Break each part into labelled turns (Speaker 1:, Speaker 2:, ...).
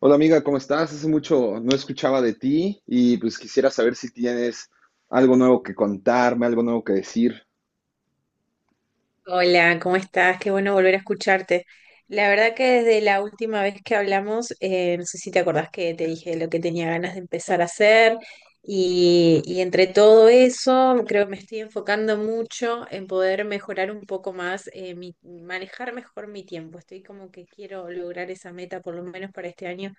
Speaker 1: Hola amiga, ¿cómo estás? Hace mucho no escuchaba de ti y pues quisiera saber si tienes algo nuevo que contarme, algo nuevo que decir.
Speaker 2: Hola, ¿cómo estás? Qué bueno volver a escucharte. La verdad que desde la última vez que hablamos, no sé si te acordás que te dije lo que tenía ganas de empezar a hacer y entre todo eso creo que me estoy enfocando mucho en poder mejorar un poco más, manejar mejor mi tiempo. Estoy como que quiero lograr esa meta por lo menos para este año,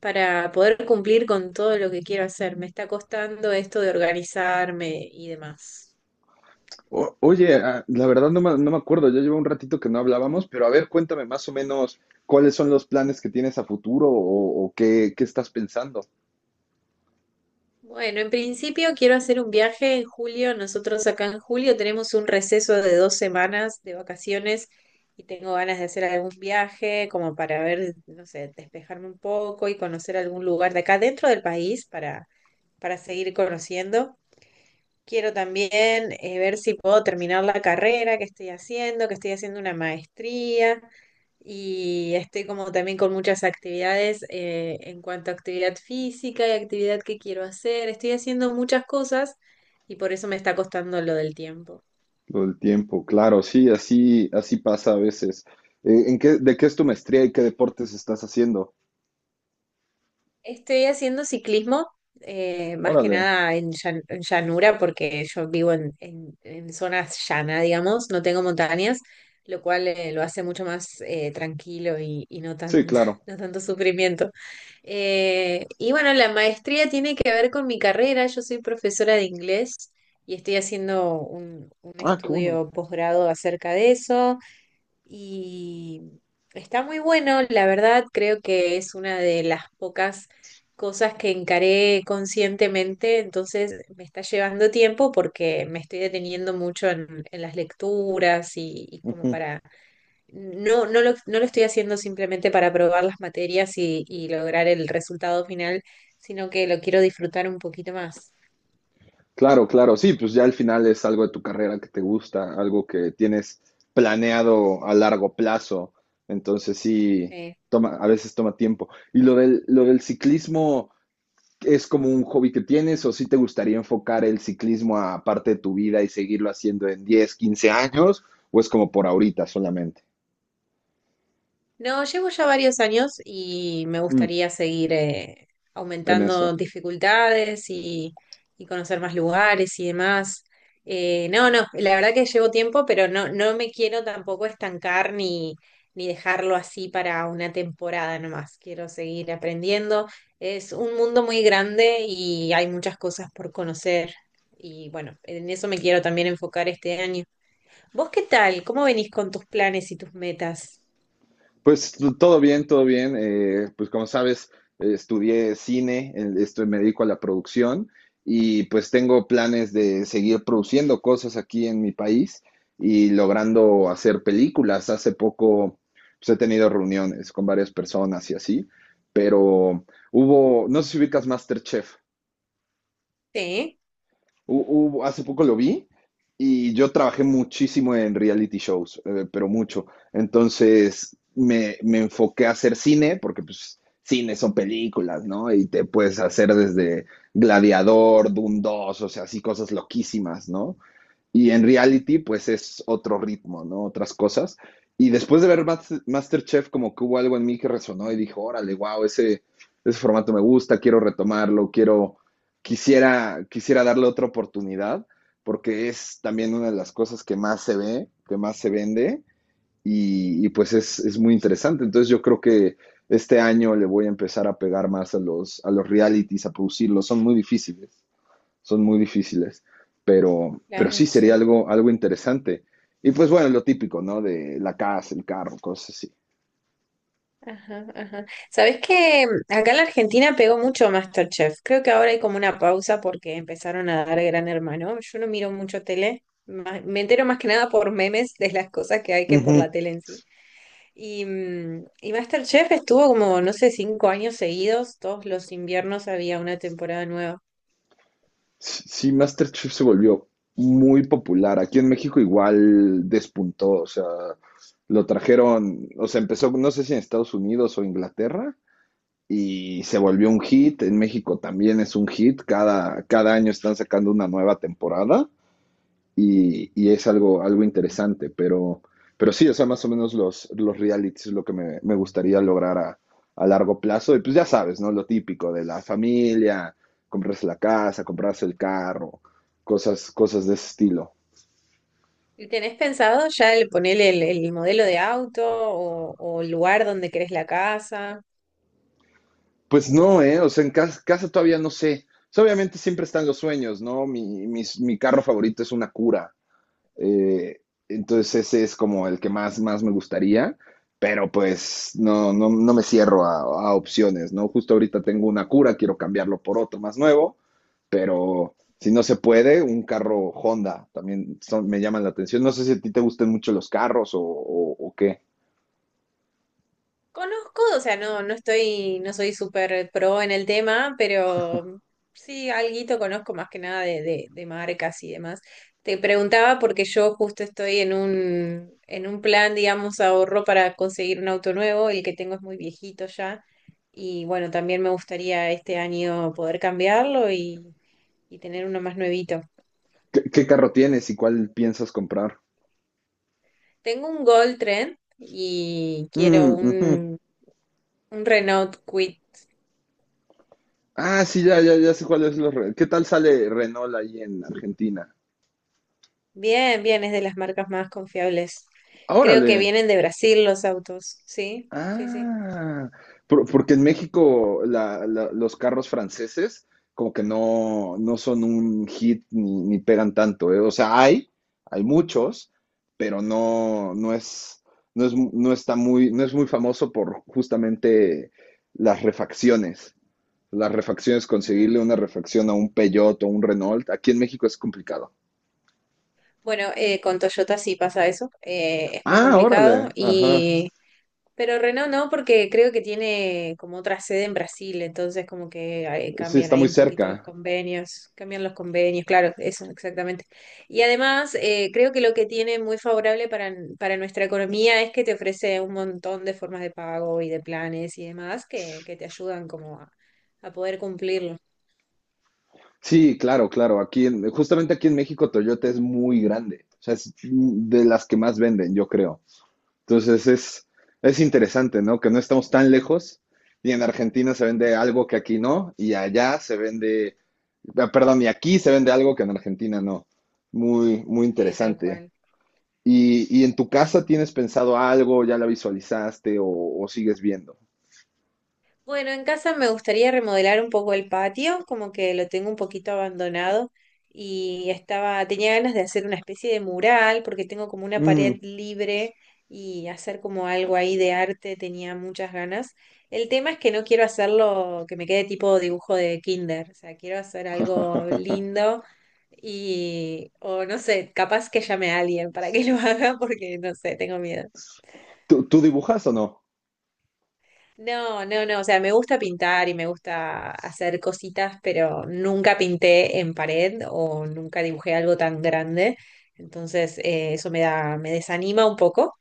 Speaker 2: para poder cumplir con todo lo que quiero hacer. Me está costando esto de organizarme y demás.
Speaker 1: Oye, la verdad no me acuerdo, ya llevo un ratito que no hablábamos, pero a ver, cuéntame más o menos cuáles son los planes que tienes a futuro o qué, qué estás pensando.
Speaker 2: Bueno, en principio quiero hacer un viaje en julio. Nosotros acá en julio tenemos un receso de 2 semanas de vacaciones y tengo ganas de hacer algún viaje como para ver, no sé, despejarme un poco y conocer algún lugar de acá dentro del país para seguir conociendo. Quiero también ver si puedo terminar la carrera que estoy haciendo una maestría y estoy como también con muchas actividades en cuanto a actividad física y actividad que quiero hacer. Estoy haciendo muchas cosas y por eso me está costando lo del tiempo.
Speaker 1: Lo del tiempo, claro, sí, así, así pasa a veces. ¿En qué, ¿de qué es tu maestría y qué deportes estás haciendo?
Speaker 2: Estoy haciendo ciclismo, más que
Speaker 1: Órale,
Speaker 2: nada en llanura, porque yo vivo en zonas llana, digamos, no tengo montañas, lo cual lo hace mucho más tranquilo y
Speaker 1: sí, claro.
Speaker 2: no tanto sufrimiento. Y bueno, la maestría tiene que ver con mi carrera, yo soy profesora de inglés y estoy haciendo un
Speaker 1: Ah, qué bueno.
Speaker 2: estudio posgrado acerca de eso. Y está muy bueno, la verdad, creo que es una de las pocas cosas que encaré conscientemente, entonces me está llevando tiempo porque me estoy deteniendo mucho en las lecturas y como para, no, no lo, no lo estoy haciendo simplemente para probar las materias y lograr el resultado final, sino que lo quiero disfrutar un poquito más.
Speaker 1: Claro, claro, sí, pues ya al final es algo de tu carrera que te gusta, algo que tienes planeado a largo plazo, entonces sí,
Speaker 2: eh.
Speaker 1: toma, a veces toma tiempo. ¿Y lo del ciclismo es como un hobby que tienes o sí te gustaría enfocar el ciclismo a parte de tu vida y seguirlo haciendo en 10, 15 años o es como por ahorita solamente?
Speaker 2: No, llevo ya varios años y me
Speaker 1: Mm,
Speaker 2: gustaría seguir
Speaker 1: en eso.
Speaker 2: aumentando dificultades y conocer más lugares y demás. No, no, la verdad que llevo tiempo, pero no, no me quiero tampoco estancar ni, ni dejarlo así para una temporada nomás. Quiero seguir aprendiendo. Es un mundo muy grande y hay muchas cosas por conocer. Y bueno, en eso me quiero también enfocar este año. ¿Vos qué tal? ¿Cómo venís con tus planes y tus metas?
Speaker 1: Pues todo bien, todo bien. Pues como sabes, estudié cine, esto me dedico a la producción y pues tengo planes de seguir produciendo cosas aquí en mi país y logrando hacer películas. Hace poco pues, he tenido reuniones con varias personas y así, pero hubo, no sé si ubicas MasterChef.
Speaker 2: Sí.
Speaker 1: Hace poco lo vi y yo trabajé muchísimo en reality shows, pero mucho. Entonces me enfoqué a hacer cine, porque pues cine son películas, ¿no? Y te puedes hacer desde Gladiador, Doom 2, o sea, así cosas loquísimas, ¿no? Y en reality,
Speaker 2: Ujú.
Speaker 1: pues es otro ritmo, ¿no? Otras cosas. Y después de ver Masterchef, como que hubo algo en mí que resonó y dijo, órale, wow, ese formato me gusta, quiero retomarlo, quiero, quisiera, quisiera darle otra oportunidad, porque es también una de las cosas que más se ve, que más se vende, y pues es muy interesante. Entonces yo creo que este año le voy a empezar a pegar más a los realities, a producirlos, son muy difíciles, pero sí
Speaker 2: Claro,
Speaker 1: sería
Speaker 2: sí.
Speaker 1: algo, algo interesante. Y pues bueno, lo típico, ¿no? De la casa, el carro, cosas así.
Speaker 2: Ajá, ajá. ¿Sabés que acá en la Argentina pegó mucho MasterChef? Creo que ahora hay como una pausa porque empezaron a dar Gran Hermano. Yo no miro mucho tele, me entero más que nada por memes de las cosas que hay que por
Speaker 1: Ujú.
Speaker 2: la tele en sí. Y, y MasterChef estuvo como, no sé, 5 años seguidos, todos los inviernos había una temporada nueva.
Speaker 1: Sí, MasterChef se volvió muy popular. Aquí en México igual despuntó, o sea, lo trajeron, o sea, empezó, no sé si en Estados Unidos o Inglaterra, y se
Speaker 2: Ujú,
Speaker 1: volvió un hit. En México también es un hit. Cada, cada año están sacando una nueva temporada. Y es algo, algo interesante, pero sí, o sea, más o menos los realities es lo que me gustaría lograr a largo plazo. Y pues ya sabes, ¿no? Lo típico de la familia, comprarse la casa, comprarse el carro, cosas, cosas de
Speaker 2: ujú.
Speaker 1: ese estilo.
Speaker 2: ¿Y tenés pensado ya el ponerle el modelo de auto o el lugar donde querés la casa?
Speaker 1: Pues no, ¿eh? O sea, en casa, casa todavía no sé. O sea, obviamente siempre están los sueños, ¿no? Mi, mi carro favorito es una cura. Eh, entonces ese es como el que más, más me gustaría, pero pues no, no, no me cierro a opciones, ¿no? Justo ahorita tengo una cura, quiero cambiarlo por otro más nuevo, pero si no se puede, un carro Honda también me llaman la atención. No sé si a ti te gustan mucho los carros o qué.
Speaker 2: Conozco, o sea, no soy súper pro en el tema, pero sí, alguito conozco más que nada de, de marcas y demás. Te preguntaba porque yo justo estoy en un, plan, digamos, ahorro para conseguir un auto nuevo, el que tengo es muy viejito ya, y bueno, también me gustaría este año poder cambiarlo y tener uno más nuevito.
Speaker 1: ¿Qué qué carro tienes y cuál piensas comprar?
Speaker 2: Tengo un Gold Trend y quiero
Speaker 1: Mm, ujú.
Speaker 2: un Renault Kwid.
Speaker 1: Ah, sí, ya, ya, ya sé cuál es. ¿Qué tal sale Renault ahí en Argentina?
Speaker 2: Bien, bien, es de las marcas más confiables.
Speaker 1: Ah,
Speaker 2: Creo que
Speaker 1: órale.
Speaker 2: vienen de Brasil los autos. Sí, sí, sí.
Speaker 1: Ah, porque en México los carros franceses como que no, no son un hit ni, ni pegan tanto, ¿eh? O sea, hay muchos, pero
Speaker 2: Ujú.
Speaker 1: no, no es, no es, no está muy, no es muy famoso por justamente las refacciones. Las refacciones, conseguirle una
Speaker 2: Ah.
Speaker 1: refacción a un Peugeot o un Renault, aquí en México es complicado.
Speaker 2: Bueno, con Toyota sí pasa eso. Es muy
Speaker 1: Ah,
Speaker 2: complicado.
Speaker 1: órale, ajá,
Speaker 2: Pero Renault no, porque creo que tiene como otra sede en Brasil, entonces como que ahí
Speaker 1: sí,
Speaker 2: cambian
Speaker 1: está
Speaker 2: ahí
Speaker 1: muy
Speaker 2: un poquito los
Speaker 1: cerca.
Speaker 2: convenios, cambian los convenios, claro, eso exactamente. Y además, creo que lo que tiene muy favorable para, nuestra economía es que te ofrece un montón de formas de pago y de planes y demás que, te ayudan como a poder cumplirlo,
Speaker 1: Sí, claro, claro. Justamente aquí en México Toyota es muy grande. O sea, es de las que más venden, yo creo. Entonces es interesante, ¿no? Que no estamos tan lejos y en Argentina se vende algo que aquí no y allá se vende, ah, perdón, y aquí se vende algo que en Argentina no. Muy, muy
Speaker 2: tal
Speaker 1: interesante.
Speaker 2: cual.
Speaker 1: Y en tu casa tienes pensado algo, ya la visualizaste o sigues viendo?
Speaker 2: Bueno, en casa me gustaría remodelar un poco el patio, como que lo tengo un poquito abandonado y estaba, tenía ganas de hacer una especie de mural porque tengo como una
Speaker 1: Mm,
Speaker 2: pared libre y hacer como algo ahí de arte, tenía muchas ganas. El tema es que no quiero hacerlo que me quede tipo dibujo de kinder, o sea, quiero hacer algo lindo y, o no sé, capaz que llame a alguien para que lo haga porque no sé, tengo miedo.
Speaker 1: ¿Tú, tú dibujas o
Speaker 2: No, no, no, o sea, me gusta pintar y me gusta hacer cositas, pero nunca pinté en pared o nunca dibujé algo tan grande, entonces eso me da, me desanima un poco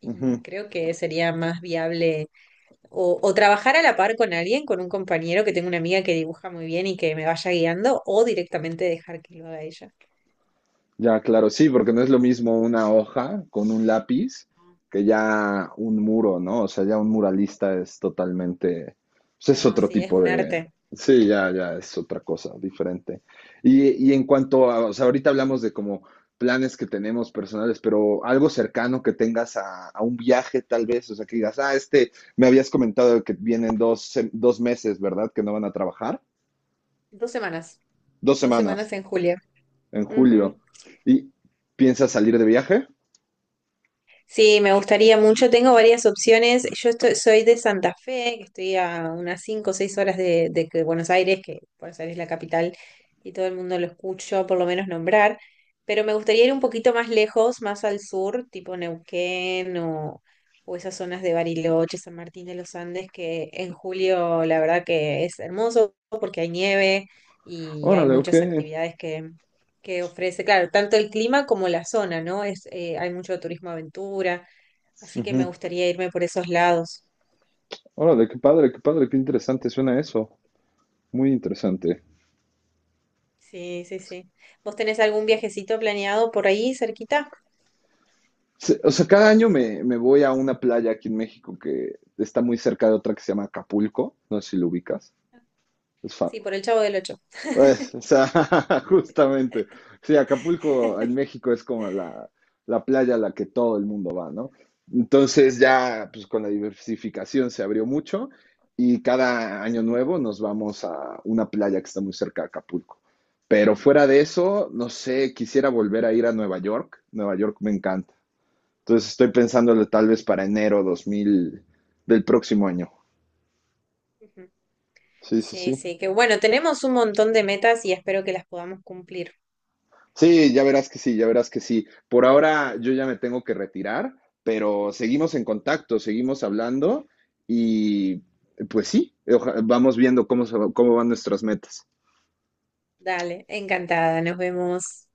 Speaker 2: y
Speaker 1: no?
Speaker 2: creo que sería más viable o trabajar a la par con alguien, con un compañero que tengo una amiga que dibuja muy bien y que me vaya guiando o directamente dejar que lo haga ella.
Speaker 1: Ya, claro, sí, porque no es lo mismo una hoja con un lápiz que ya un muro, ¿no? O sea, ya un muralista es totalmente, pues es
Speaker 2: No,
Speaker 1: otro
Speaker 2: sí, es
Speaker 1: tipo
Speaker 2: un
Speaker 1: de,
Speaker 2: arte.
Speaker 1: sí, ya, ya es otra cosa diferente. Y en cuanto a, o sea, ahorita hablamos de como planes que tenemos personales, pero algo cercano que tengas a un viaje tal vez, o sea, que digas, ah, este, me habías comentado que vienen dos, dos meses, ¿verdad? Que no van a trabajar,
Speaker 2: Dos semanas,
Speaker 1: dos
Speaker 2: dos
Speaker 1: semanas,
Speaker 2: semanas en julio.
Speaker 1: en julio,
Speaker 2: Ujú.
Speaker 1: y piensas salir de viaje.
Speaker 2: Sí, me gustaría mucho. Tengo varias opciones. Yo estoy- soy de Santa Fe, que estoy a unas 5 o 6 horas de, que Buenos Aires es la capital y todo el mundo lo escucho por lo menos nombrar, pero me gustaría ir un poquito más lejos, más al sur, tipo Neuquén o esas zonas de Bariloche, San Martín de los Andes, que en julio la verdad que es hermoso porque hay nieve y hay
Speaker 1: Órale, ok.
Speaker 2: muchas actividades que ofrece, claro, tanto el clima como la zona, ¿no? Es, hay mucho turismo aventura, así que me
Speaker 1: Ujú.
Speaker 2: gustaría irme por esos lados.
Speaker 1: Órale, qué padre, qué padre, qué interesante suena eso. Muy interesante.
Speaker 2: Sí, sí, sí. ¿Vos tenés algún viajecito planeado por ahí cerquita?
Speaker 1: O sea, cada año me voy a una playa aquí en México que está muy cerca de otra que se llama Acapulco. No sé si lo ubicas. Es fa-
Speaker 2: Sí, por el Chavo del Ocho.
Speaker 1: Pues, o sea, justamente. Sí, Acapulco en México es como la playa a la que todo el mundo va, ¿no? Entonces ya, pues con la diversificación se abrió mucho y cada año nuevo nos vamos a una playa que está muy cerca de Acapulco. Pero fuera de eso, no sé, quisiera volver a ir a Nueva York. Nueva York me encanta. Entonces estoy pensándolo tal vez para enero 2000 del próximo año.
Speaker 2: Ujú.
Speaker 1: Sí, sí,
Speaker 2: Sí,
Speaker 1: sí.
Speaker 2: sí, que bueno, tenemos un montón de metas y espero que las podamos cumplir.
Speaker 1: Sí, ya verás que sí, ya verás que sí. Por ahora yo ya me tengo que retirar, pero seguimos en contacto, seguimos hablando y pues sí, vamos viendo cómo, cómo van nuestras metas.
Speaker 2: Dale, encantada, nos vemos.